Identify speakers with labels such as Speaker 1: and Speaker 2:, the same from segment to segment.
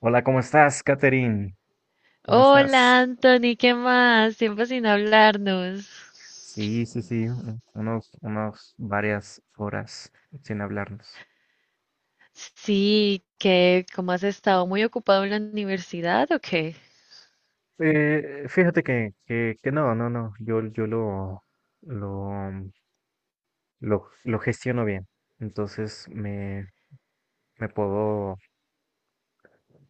Speaker 1: Hola, ¿cómo estás, Katherine? ¿Cómo
Speaker 2: Hola
Speaker 1: estás?
Speaker 2: Anthony, ¿qué más? Tiempo sin hablarnos.
Speaker 1: Sí, sí, sí, unos varias horas sin hablarnos.
Speaker 2: Sí, ¿qué? ¿Cómo has estado? ¿Muy ocupado en la universidad o qué?
Speaker 1: Fíjate que no, no, no, yo lo, lo gestiono bien. Entonces me, me puedo,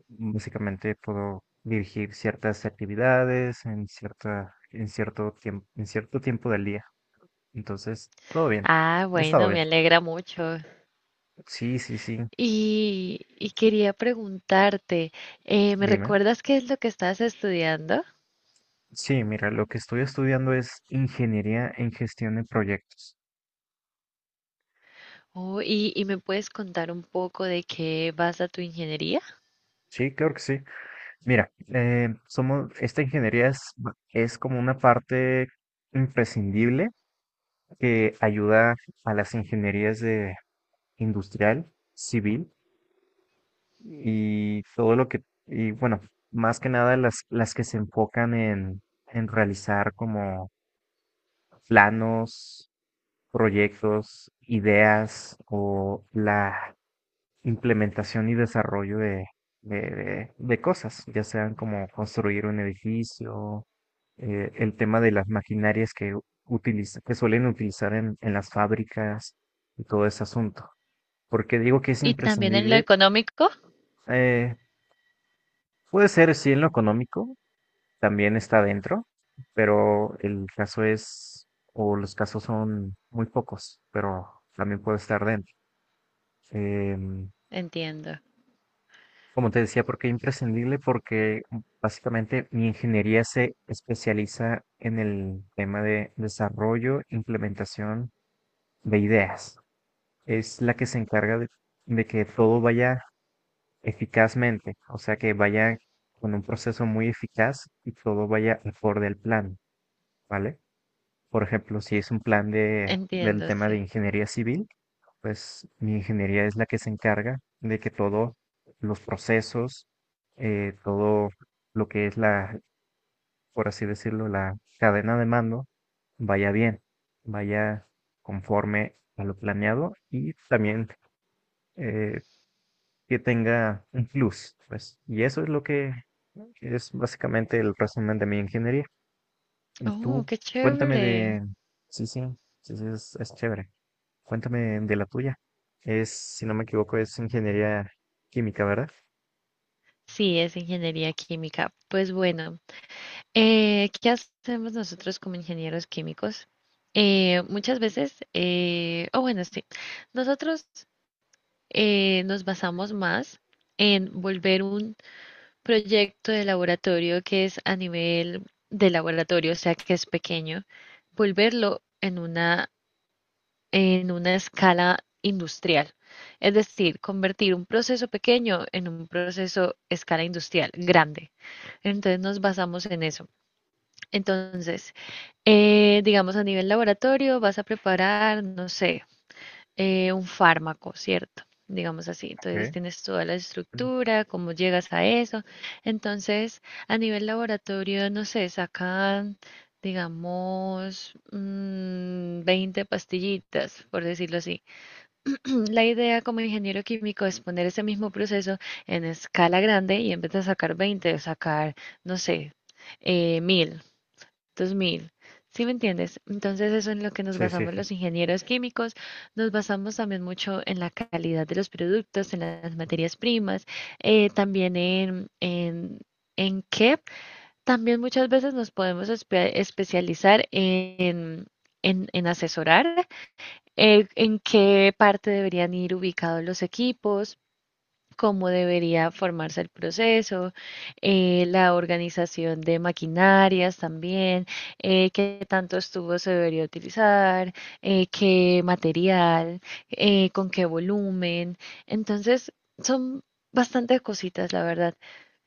Speaker 1: básicamente puedo dirigir ciertas actividades en en cierto en cierto tiempo del día. Entonces, todo bien,
Speaker 2: Ah,
Speaker 1: he estado
Speaker 2: bueno, me
Speaker 1: bien.
Speaker 2: alegra mucho.
Speaker 1: Sí, sí, sí,
Speaker 2: Y quería preguntarte, ¿me
Speaker 1: dime.
Speaker 2: recuerdas qué es lo que estás estudiando?
Speaker 1: Sí, mira, lo que estoy estudiando es ingeniería en gestión de proyectos.
Speaker 2: Oh, y me puedes contar un poco de qué vas a tu ingeniería?
Speaker 1: Sí, claro que sí. Mira, somos, esta ingeniería es como una parte imprescindible que ayuda a las ingenierías de industrial, civil y todo lo que. Y bueno, más que nada las que se enfocan en realizar como planos, proyectos, ideas o la implementación y desarrollo de cosas, ya sean como construir un edificio, el tema de las maquinarias que que suelen utilizar en las fábricas y todo ese asunto. Porque digo que es
Speaker 2: Y también en lo
Speaker 1: imprescindible,
Speaker 2: económico.
Speaker 1: eh, puede ser sí en lo económico, también está dentro, pero el caso es, o los casos son muy pocos, pero también puede estar dentro. Em,
Speaker 2: Entiendo,
Speaker 1: Como te decía, porque imprescindible, porque básicamente mi ingeniería se especializa en el tema de desarrollo, implementación de ideas. Es la que se encarga de que todo vaya eficazmente, o sea, que vaya con un proceso muy eficaz y todo vaya acorde al plan, ¿vale? Por ejemplo, si es un plan del
Speaker 2: entiendo,
Speaker 1: tema de
Speaker 2: sí.
Speaker 1: ingeniería civil, pues mi ingeniería es la que se encarga de que todos los procesos, todo lo que es por así decirlo, la cadena de mando, vaya bien, vaya conforme a lo planeado y también eh, que tenga un plus, pues. Y eso es lo que es básicamente el resumen de mi ingeniería. Y
Speaker 2: Oh,
Speaker 1: tú,
Speaker 2: qué
Speaker 1: cuéntame
Speaker 2: chévere.
Speaker 1: de... Sí, sí, sí, sí, es chévere. Cuéntame de la tuya. Es, si no me equivoco, es ingeniería química, ¿verdad?
Speaker 2: Sí, es ingeniería química. Pues bueno. ¿Qué hacemos nosotros como ingenieros químicos? Muchas veces, o bueno, sí, nosotros nos basamos más en volver un proyecto de laboratorio que es a nivel de laboratorio, o sea, que es pequeño, volverlo en una escala industrial. Es decir, convertir un proceso pequeño en un proceso escala industrial grande. Entonces nos basamos en eso. Entonces, digamos a nivel laboratorio vas a preparar, no sé, un fármaco, ¿cierto? Digamos así. Entonces
Speaker 1: Ok.
Speaker 2: tienes toda la
Speaker 1: Mm.
Speaker 2: estructura, cómo llegas a eso. Entonces, a nivel laboratorio, no sé, sacan, digamos, 20 pastillitas, por decirlo así. La idea como ingeniero químico es poner ese mismo proceso en escala grande y en vez de sacar 20, sacar, no sé, mil 2000. ¿Sí me entiendes? Entonces eso es en lo que nos
Speaker 1: Sí, sí,
Speaker 2: basamos
Speaker 1: sí.
Speaker 2: los ingenieros químicos, nos basamos también mucho en la calidad de los productos, en las materias primas, también en qué también muchas veces nos podemos especializar en asesorar, en qué parte deberían ir ubicados los equipos cómo debería formarse el proceso, la organización de maquinarias también, qué tantos tubos se debería utilizar, qué material, con qué volumen. Entonces, son bastantes cositas, la verdad.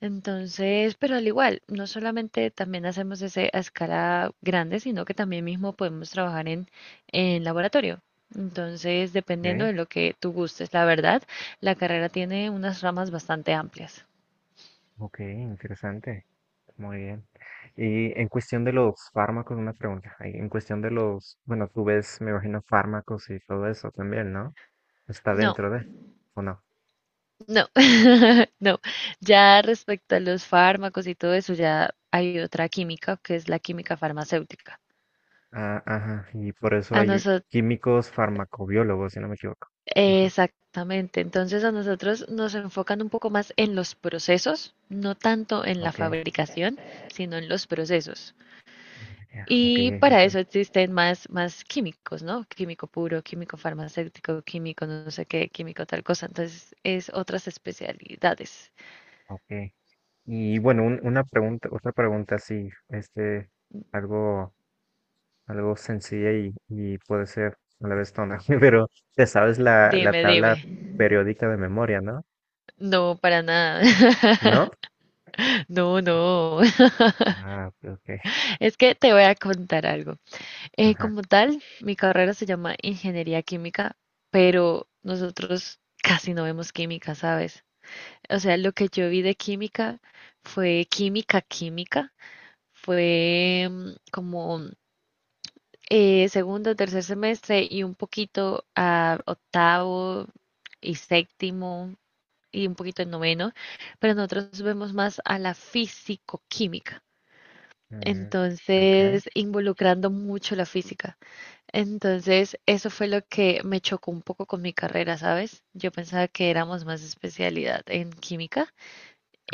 Speaker 2: Entonces, pero al igual, no solamente también hacemos ese a escala grande, sino que también mismo podemos trabajar en laboratorio. Entonces, dependiendo
Speaker 1: Ok,
Speaker 2: de lo que tú gustes, la verdad. La carrera tiene unas ramas bastante amplias.
Speaker 1: ok, interesante. Muy bien. Y en cuestión de los fármacos, una pregunta. Ahí, en cuestión de los, bueno, tú ves, me imagino, fármacos y todo eso también, ¿no? Está
Speaker 2: No,
Speaker 1: dentro de, ¿o no?
Speaker 2: no, no. Ya respecto a los fármacos y todo eso, ya hay otra química que es la química farmacéutica.
Speaker 1: Ah, ajá. Y por eso
Speaker 2: A
Speaker 1: hay
Speaker 2: nosotros,
Speaker 1: químicos farmacobiólogos, si no me equivoco. Ajá.
Speaker 2: exactamente. Entonces a nosotros nos enfocan un poco más en los procesos, no tanto en la
Speaker 1: Ok.
Speaker 2: fabricación, sino en los procesos.
Speaker 1: Ya, ok,
Speaker 2: Y para
Speaker 1: ok,
Speaker 2: eso existen más químicos, ¿no? Químico puro, químico farmacéutico, químico no sé qué, químico tal cosa. Entonces es otras especialidades.
Speaker 1: ok. Y bueno, una pregunta, otra pregunta así, este, algo, algo sencilla y puede ser a la vez tonta, pero te sabes la
Speaker 2: Dime, dime.
Speaker 1: tabla periódica de memoria, ¿no?
Speaker 2: No, para nada.
Speaker 1: ¿No?
Speaker 2: No, no.
Speaker 1: Ah, ok, ok,
Speaker 2: Es que te voy a contar algo.
Speaker 1: ajá.
Speaker 2: Como tal, mi carrera se llama Ingeniería Química, pero nosotros casi no vemos química, ¿sabes? O sea, lo que yo vi de química fue química, química. Fue como segundo, tercer semestre y un poquito a octavo y séptimo. Y un poquito en noveno, pero nosotros vemos más a la físico-química.
Speaker 1: Mm, ok,
Speaker 2: Entonces, involucrando mucho la física. Entonces, eso fue lo que me chocó un poco con mi carrera, ¿sabes? Yo pensaba que éramos más especialidad en química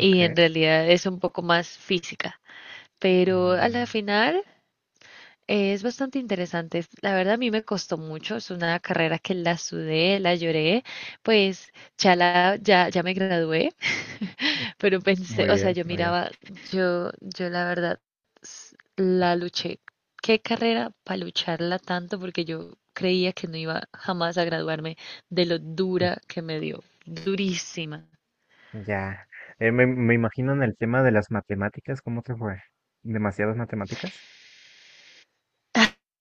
Speaker 1: ok.
Speaker 2: en realidad es un poco más física. Pero a la
Speaker 1: Mm,
Speaker 2: final es bastante interesante. La verdad, a mí me costó mucho. Es una carrera que la sudé, la lloré. Pues ya, ya, ya me gradué. Pero pensé,
Speaker 1: muy
Speaker 2: o sea,
Speaker 1: bien,
Speaker 2: yo
Speaker 1: muy bien.
Speaker 2: miraba, yo la verdad la luché. ¿Qué carrera para lucharla tanto? Porque yo creía que no iba jamás a graduarme de lo
Speaker 1: Mm,
Speaker 2: dura que me dio, durísima.
Speaker 1: ya. Me imagino en el tema de las matemáticas, ¿cómo te fue? ¿Demasiadas matemáticas?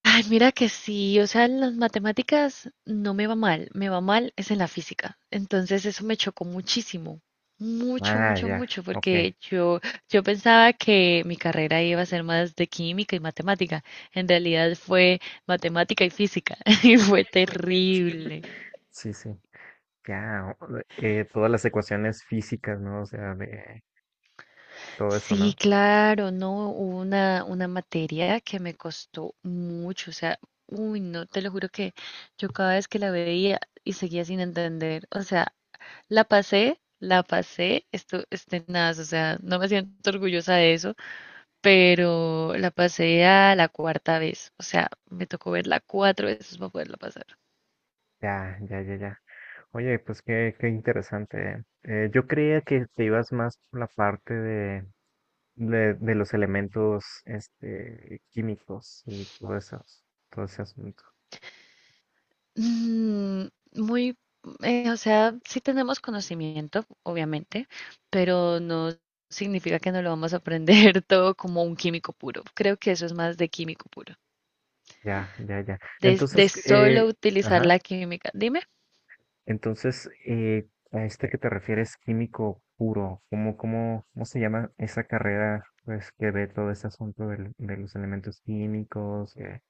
Speaker 2: Ay, mira que sí, o sea, en las matemáticas no me va mal, me va mal es en la física. Entonces eso me chocó muchísimo, mucho,
Speaker 1: Ah,
Speaker 2: mucho,
Speaker 1: ya,
Speaker 2: mucho,
Speaker 1: ok.
Speaker 2: yo pensaba que mi carrera iba a ser más de química y matemática. En realidad fue matemática y física y fue terrible.
Speaker 1: Sí, sí. Ya, todas las ecuaciones físicas, ¿no? O sea, de todo eso,
Speaker 2: Sí,
Speaker 1: ¿no?
Speaker 2: claro, no, hubo una materia que me costó mucho, o sea, uy, no, te lo juro que yo cada vez que la veía y seguía sin entender, o sea, la pasé, esto, este, nada, o sea, no me siento orgullosa de eso, pero la pasé a la cuarta vez, o sea, me tocó verla cuatro veces para poderla pasar.
Speaker 1: Ya, ya, ya, ya. Oye, pues qué, qué interesante. Yo creía que te ibas más por la parte de los elementos, este, químicos y todo eso, todo ese asunto.
Speaker 2: Mm, muy, o sea, sí tenemos conocimiento, obviamente, pero no significa que no lo vamos a aprender todo como un químico puro. Creo que eso es más de químico puro.
Speaker 1: Ya, ya, ya.
Speaker 2: De
Speaker 1: Entonces,
Speaker 2: solo utilizar
Speaker 1: ajá.
Speaker 2: la química. Dime,
Speaker 1: Entonces, a este que te refieres, químico puro, ¿cómo se llama esa carrera pues, que ve todo ese asunto de los elementos químicos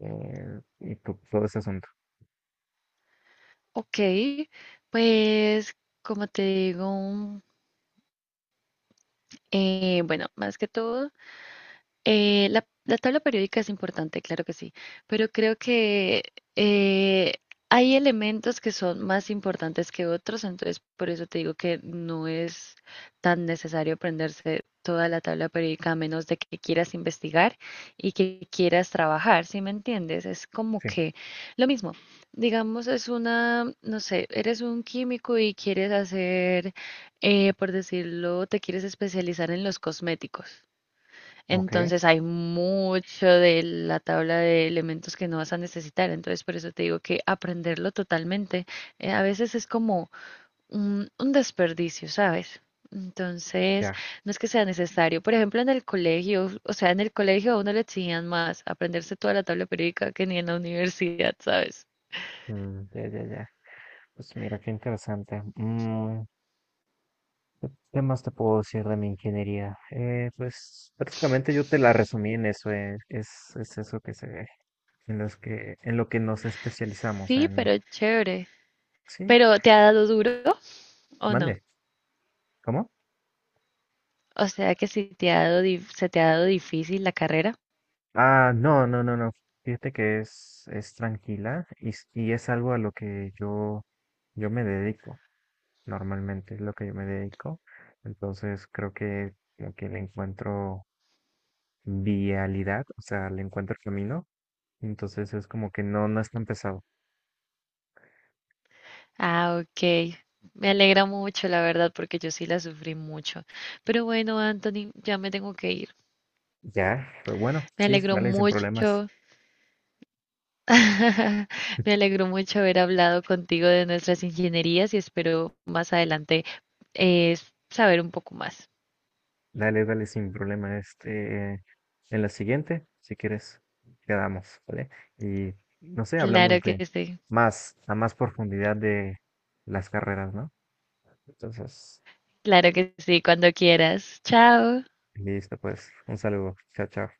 Speaker 1: y todo ese asunto?
Speaker 2: ok, pues como te digo, bueno, más que todo, la tabla periódica es importante, claro que sí, pero creo que eh, hay elementos que son más importantes que otros, entonces por eso te digo que no es tan necesario aprenderse toda la tabla periódica a menos de que quieras investigar y que quieras trabajar, ¿sí me entiendes? Es como
Speaker 1: Sí,
Speaker 2: que lo mismo, digamos, es una, no sé, eres un químico y quieres hacer, por decirlo, te quieres especializar en los cosméticos.
Speaker 1: ok,
Speaker 2: Entonces hay mucho de la tabla de elementos que no vas a necesitar. Entonces por eso te digo que aprenderlo totalmente a veces es como un desperdicio, ¿sabes? Entonces
Speaker 1: ya,
Speaker 2: no es que sea necesario. Por ejemplo, en el colegio, o sea, en el colegio a uno le exigían más aprenderse toda la tabla periódica que ni en la universidad, ¿sabes?
Speaker 1: mm, ya, ya, ya. Pues mira, qué interesante. Mm, ¿qué qué más te puedo decir de mi ingeniería? Pues prácticamente yo te la resumí en eso, es eso que se ve, en los que, en lo que nos especializamos
Speaker 2: Sí,
Speaker 1: en...
Speaker 2: pero chévere.
Speaker 1: Sí,
Speaker 2: ¿Pero te ha dado duro o no?
Speaker 1: mande, ¿cómo?
Speaker 2: O sea que si te ha dado, se te ha dado difícil la carrera.
Speaker 1: Ah, no, no, no, no. Fíjate que es tranquila y es algo a lo que yo me dedico. Normalmente es lo que yo me dedico. Entonces creo que como que le encuentro vialidad, o sea, le encuentro camino. Entonces es como que no, no es tan pesado.
Speaker 2: Ah, ok. Me alegra mucho, la verdad, porque yo sí la sufrí mucho. Pero bueno, Anthony, ya me tengo que ir.
Speaker 1: Ya, pero bueno,
Speaker 2: Me
Speaker 1: sí,
Speaker 2: alegró
Speaker 1: dale, sin problemas.
Speaker 2: mucho, me alegró mucho haber hablado contigo de nuestras ingenierías y espero más adelante eh, saber un poco más.
Speaker 1: Dale, dale, sin problema. Este, en la siguiente, si quieres, quedamos, ¿vale? Y no sé, hablamos
Speaker 2: Claro
Speaker 1: de
Speaker 2: que sí,
Speaker 1: más, a más profundidad de las carreras, ¿no? Entonces,
Speaker 2: claro que sí, cuando quieras. Chao.
Speaker 1: listo, pues, un saludo. Chao, chao.